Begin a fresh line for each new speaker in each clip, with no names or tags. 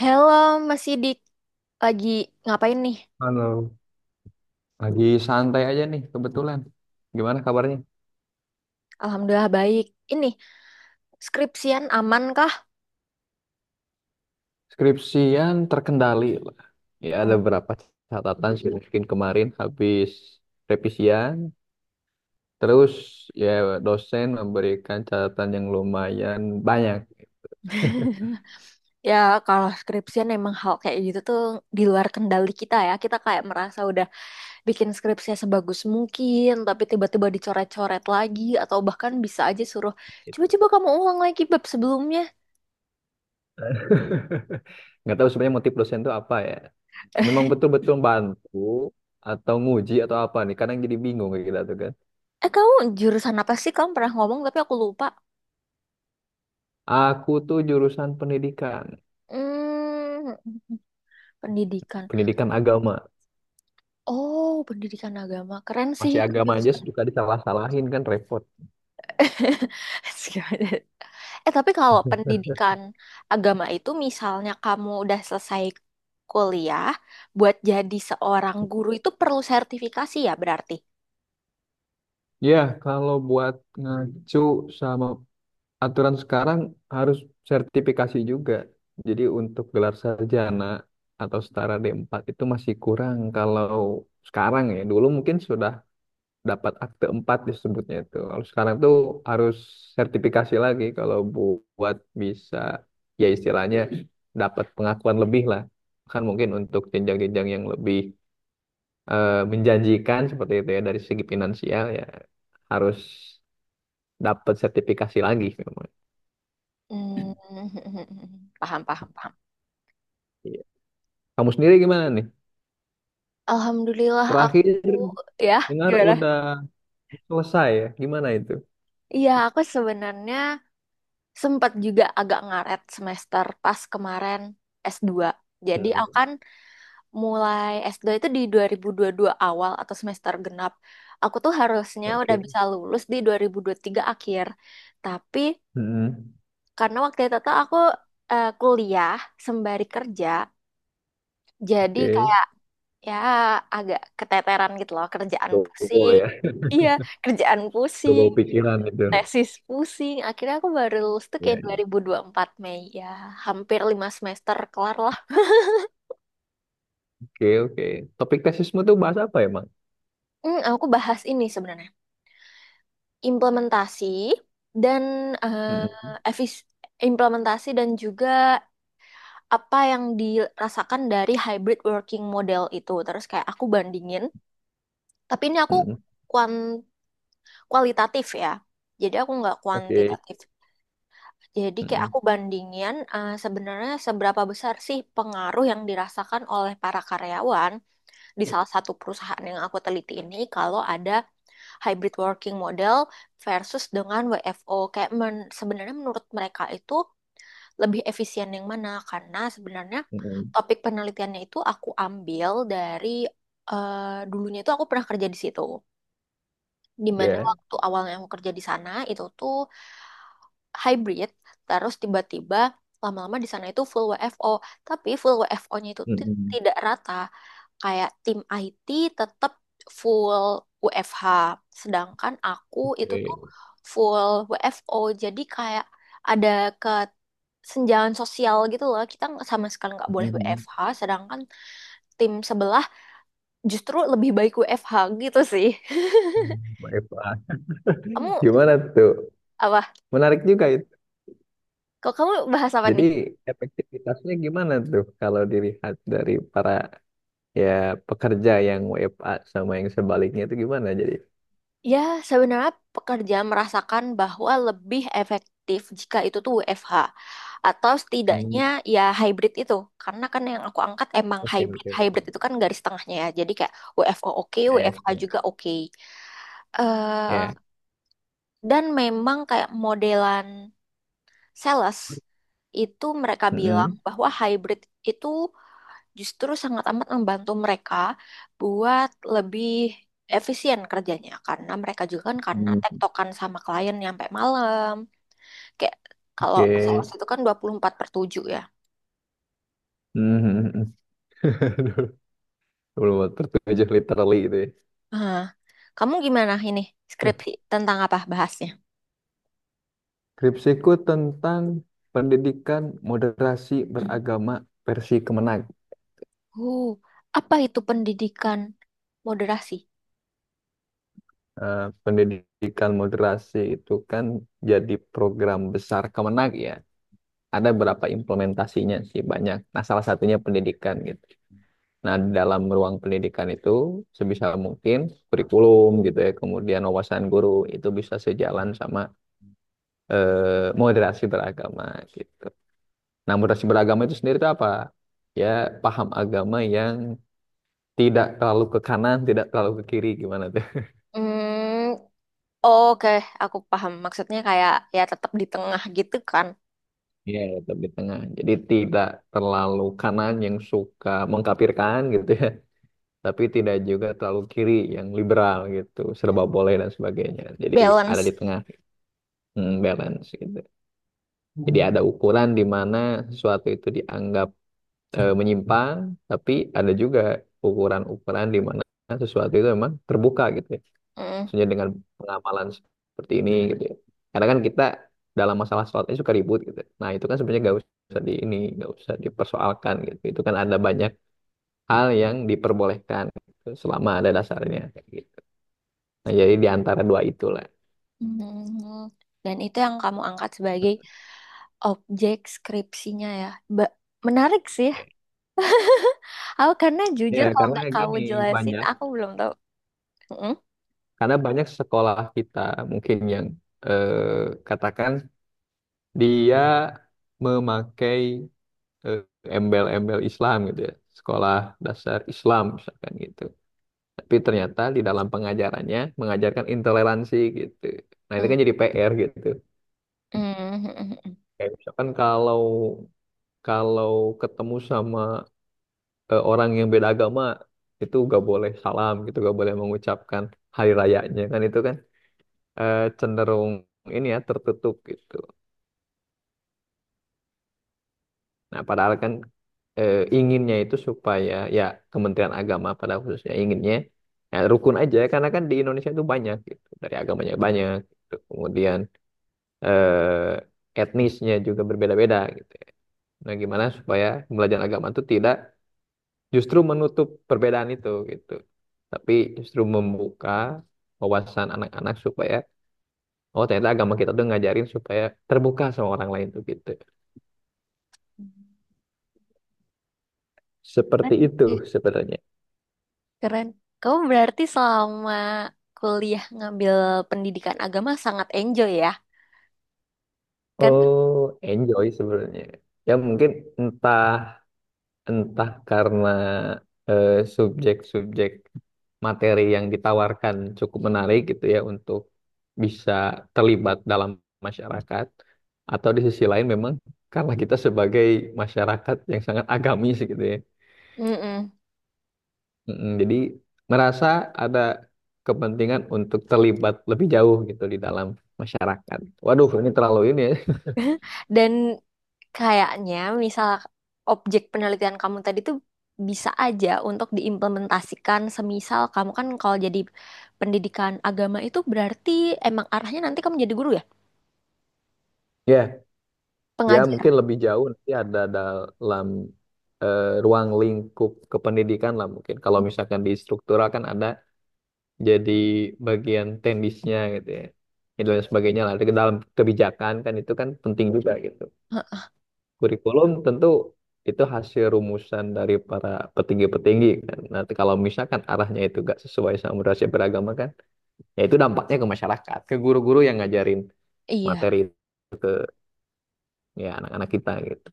Halo, Mas Sidik. Lagi ngapain nih?
Halo, lagi santai aja nih kebetulan. Gimana kabarnya?
Alhamdulillah baik. Ini, skripsian aman kah?
Skripsian terkendali lah. Ya ada
Oh.
berapa catatan sih mungkin kemarin habis revisian. Terus ya dosen memberikan catatan yang lumayan banyak.
Ya, kalau skripsian emang hal kayak gitu tuh di luar kendali kita ya. Kita kayak merasa udah bikin skripsinya sebagus mungkin, tapi tiba-tiba dicoret-coret lagi, atau bahkan bisa aja suruh,
Gitu.
coba-coba kamu ulang lagi bab sebelumnya.
Nggak tahu sebenarnya motif dosen itu apa ya. Memang betul-betul bantu atau nguji atau apa nih. Kadang jadi bingung kayak gitu tuh kan.
Eh, kamu jurusan apa sih? Kamu pernah ngomong, tapi aku lupa.
Aku tuh jurusan pendidikan.
Hmm, pendidikan.
Pendidikan agama.
Oh, pendidikan agama. Keren sih
Masih
itu
agama aja
jurusan.
suka disalah-salahin kan repot.
Gimana? Eh, tapi kalau pendidikan agama itu misalnya kamu udah selesai kuliah, buat jadi seorang guru itu perlu sertifikasi ya berarti.
Ya, kalau buat ngacu sama aturan sekarang harus sertifikasi juga. Jadi untuk gelar sarjana atau setara D4 itu masih kurang kalau sekarang ya. Dulu mungkin sudah dapat akte 4 disebutnya itu. Kalau sekarang tuh harus sertifikasi lagi kalau buat bisa ya istilahnya dapat pengakuan lebih lah. Kan mungkin untuk jenjang-jenjang yang lebih menjanjikan seperti itu ya dari segi finansial ya harus dapat sertifikasi lagi memang.
Hmm, paham, paham, paham.
Iya. Kamu sendiri gimana nih?
Alhamdulillah
Terakhir
aku, ya.
dengar
Gimana?
udah selesai ya? Gimana itu?
Iya, aku sebenarnya sempat juga agak ngaret semester pas kemarin. S dua Jadi
Hmm.
akan mulai S2 itu di 2022 awal atau semester genap. Aku tuh harusnya udah
Oke.
bisa lulus di 2023 akhir. Tapi
Hmm.
karena waktu itu tuh aku kuliah sembari kerja, jadi
Oke.
kayak ya agak keteteran gitu loh, kerjaan
Dobo
pusing.
ya.
Iya, kerjaan
Dobo
pusing,
pikiran itu.
tesis pusing. Akhirnya aku baru lulus tuh
Ya,
kayak
ya.
2024 Mei ya, hampir lima semester kelar lah.
Oke, oke. Topik tesismu tuh bahas apa ya, Mang?
Hmm, aku bahas ini sebenarnya. implementasi dan
Hmm.
eh, efis- Implementasi dan juga apa yang dirasakan dari hybrid working model itu. Terus kayak aku bandingin, tapi ini aku
Hmm.
kuan- kualitatif ya. Jadi aku nggak
Oke.
kuantitatif. Jadi kayak
Hmm.
aku bandingin, sebenarnya seberapa besar sih pengaruh yang dirasakan oleh para karyawan di salah satu perusahaan yang aku teliti ini kalau ada hybrid working model versus dengan WFO. Kayak sebenarnya menurut mereka itu lebih efisien yang mana? Karena sebenarnya
Hmm.
topik penelitiannya itu aku ambil dari, dulunya itu aku pernah kerja di situ. Dimana
Ya.
waktu awalnya aku kerja di sana itu tuh hybrid, terus tiba-tiba lama-lama di sana itu full WFO, tapi full WFO-nya itu
Hmm.
tidak rata. Kayak tim IT tetap full WFH, sedangkan aku itu tuh
Oke.
full WFO, jadi kayak ada ke senjangan sosial gitu loh. Kita sama sekali nggak boleh
Hmm.
WFH, sedangkan tim sebelah justru lebih baik WFH gitu sih.
Baik, Pak.
Kamu
Gimana tuh?
apa?
Menarik juga itu.
Kok kamu bahas apa
Jadi
nih?
efektivitasnya gimana tuh kalau dilihat dari para ya pekerja yang WFA sama yang sebaliknya itu gimana jadi?
Ya, sebenarnya pekerja merasakan bahwa lebih efektif jika itu tuh WFH atau
Hmm,
setidaknya ya hybrid itu. Karena kan yang aku angkat emang
oke,
hybrid.
oke,
Hybrid
oke.
itu kan garis tengahnya ya. Jadi kayak WFO oke,
Ya, ya.
WFH juga oke.
Ya.
eh dan memang kayak modelan sales itu mereka bilang
Mm-mm.
bahwa hybrid itu justru sangat amat membantu mereka buat lebih efisien kerjanya karena mereka juga kan karena
Hmm.
tektokan sama klien yang sampai malam, kayak kalau sales
Oke.
itu kan 24 per 7 ya.
Hmm. Hmm, hmm. Aduh, belum tertuju literally itu ya.
Hah. Kamu gimana ini, skripsi tentang apa bahasnya?
Skripsiku tentang pendidikan moderasi beragama versi Kemenag.
uh Apa itu pendidikan moderasi?
Pendidikan moderasi itu kan jadi program besar Kemenag ya. Ada berapa implementasinya sih banyak. Nah, salah satunya pendidikan gitu. Nah, dalam ruang pendidikan itu sebisa mungkin kurikulum gitu ya, kemudian wawasan guru itu bisa sejalan sama moderasi beragama gitu. Nah, moderasi beragama itu sendiri itu apa? Ya, paham agama yang tidak terlalu ke kanan, tidak terlalu ke kiri gimana tuh?
Hmm, oke, aku paham maksudnya, kayak ya tetap di tengah gitu kan.
Iya, ya, tetap di tengah. Jadi tidak terlalu kanan yang suka mengkapirkan gitu ya tapi tidak juga terlalu kiri yang liberal gitu,
Hmm,
serba boleh dan sebagainya. Jadi ada
balance.
di tengah, balance gitu. Jadi ada ukuran di mana sesuatu itu dianggap menyimpang, tapi ada juga ukuran-ukuran di mana sesuatu itu memang terbuka gitu ya. Maksudnya dengan pengamalan seperti ini gitu ya. Karena kan kita dalam masalah sholat ini suka ribut gitu. Nah itu kan sebenarnya gak usah di ini, gak usah dipersoalkan gitu. Itu kan ada banyak hal yang diperbolehkan gitu, selama ada dasarnya, kayak gitu. Nah, jadi di antara dua itulah.
Mhm. Dan itu yang kamu angkat sebagai objek skripsinya ya. Ba- Menarik sih.
Ya.
Aku karena
Ya,
jujur kalau
karena
nggak kamu
gini
jelasin,
banyak,
aku belum tahu. Mhm.
karena banyak sekolah kita mungkin yang eh, katakan dia memakai eh, embel-embel Islam gitu ya, sekolah dasar Islam misalkan gitu. Tapi ternyata di dalam pengajarannya mengajarkan intoleransi gitu. Nah, itu
Mhm.
kan jadi PR gitu.
Mhm.
Kayak misalkan kalau kalau ketemu sama orang yang beda agama itu gak boleh salam gitu, gak boleh mengucapkan hari rayanya kan itu kan cenderung ini ya tertutup gitu. Nah padahal kan inginnya itu supaya ya Kementerian Agama pada khususnya inginnya ya, rukun aja karena kan di Indonesia itu banyak gitu dari agamanya banyak gitu. Kemudian etnisnya juga berbeda-beda gitu. Nah gimana supaya pembelajaran agama itu tidak justru menutup perbedaan itu gitu. Tapi justru membuka wawasan anak-anak supaya oh ternyata agama kita tuh ngajarin supaya terbuka sama orang lain tuh gitu. Seperti
Keren
itu
sih,
sebenarnya.
keren. Kamu berarti selama kuliah ngambil pendidikan agama sangat enjoy ya, kan?
Oh, enjoy sebenarnya. Ya mungkin entah entah karena eh, subjek-subjek materi yang ditawarkan cukup menarik gitu ya untuk bisa terlibat dalam masyarakat atau di sisi lain memang karena kita sebagai masyarakat yang sangat agamis gitu ya.
Mm-mm.
Jadi merasa ada kepentingan untuk terlibat lebih jauh gitu di dalam masyarakat. Waduh, ini terlalu ini ya.
Dan Kayaknya misal objek penelitian kamu tadi tuh bisa aja untuk diimplementasikan, semisal kamu kan kalau jadi pendidikan agama itu berarti emang arahnya nanti kamu jadi guru ya?
Ya. Ya, mungkin
Pengajar.
lebih jauh nanti ada dalam ruang lingkup kependidikan lah mungkin. Kalau misalkan di struktural kan ada jadi bagian teknisnya gitu ya. Itu dan sebagainya lah. Di dalam kebijakan kan itu kan penting juga gitu.
Heeh.
Kurikulum tentu itu hasil rumusan dari para petinggi-petinggi kan. Nanti kalau misalkan arahnya itu gak sesuai sama moderasi beragama kan, ya itu dampaknya ke masyarakat, ke guru-guru yang ngajarin
Iya.
materi itu ke ya anak-anak kita gitu.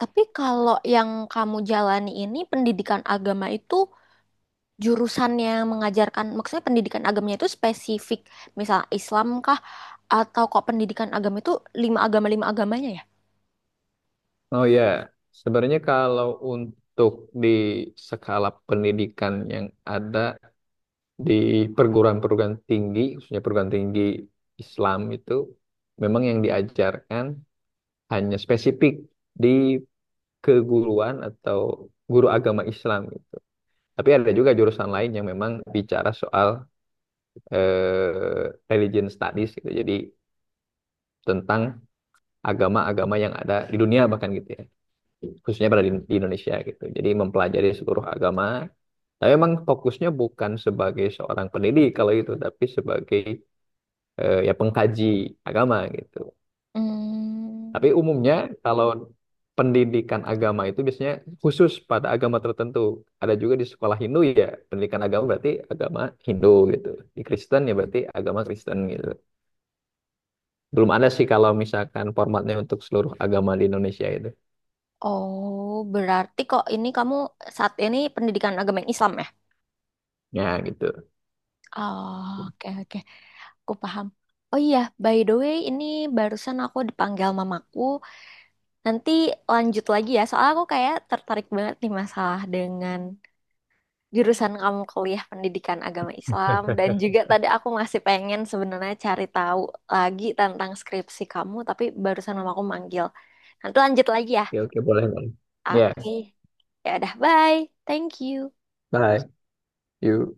Tapi kalau yang kamu jalani ini pendidikan agama itu jurusannya mengajarkan, maksudnya pendidikan agamanya itu spesifik misal Islam kah, atau kok pendidikan agama itu lima agama lima agamanya ya?
Oh ya, sebenarnya kalau untuk di skala pendidikan yang ada di perguruan-perguruan tinggi, khususnya perguruan tinggi Islam itu, memang yang diajarkan hanya spesifik di keguruan atau guru agama Islam gitu. Tapi ada juga jurusan lain yang memang bicara soal religion studies gitu. Jadi tentang agama-agama yang ada di dunia bahkan gitu ya. Khususnya pada di Indonesia gitu. Jadi mempelajari seluruh agama. Tapi memang fokusnya bukan sebagai seorang pendidik kalau itu, tapi sebagai ya pengkaji agama gitu. Tapi
Hmm.
umumnya kalau pendidikan agama itu biasanya khusus pada agama tertentu. Ada juga di sekolah Hindu ya, pendidikan agama berarti agama Hindu gitu. Di Kristen ya berarti agama Kristen gitu. Belum ada sih kalau misalkan formatnya untuk seluruh agama di Indonesia itu.
Oh, berarti kok ini kamu saat ini pendidikan agama yang Islam ya?
Ya gitu.
Oh, oke oke, aku paham. Oh iya, by the way, ini barusan aku dipanggil mamaku. Nanti lanjut lagi ya, soalnya aku kayak tertarik banget nih masalah dengan jurusan kamu kuliah pendidikan agama Islam dan juga tadi aku masih pengen sebenarnya cari tahu lagi tentang skripsi kamu, tapi barusan mamaku manggil. Nanti lanjut lagi ya.
Ya, oke boleh, Bang. Ya,
Oke. Ya udah, bye. Thank you.
bye. You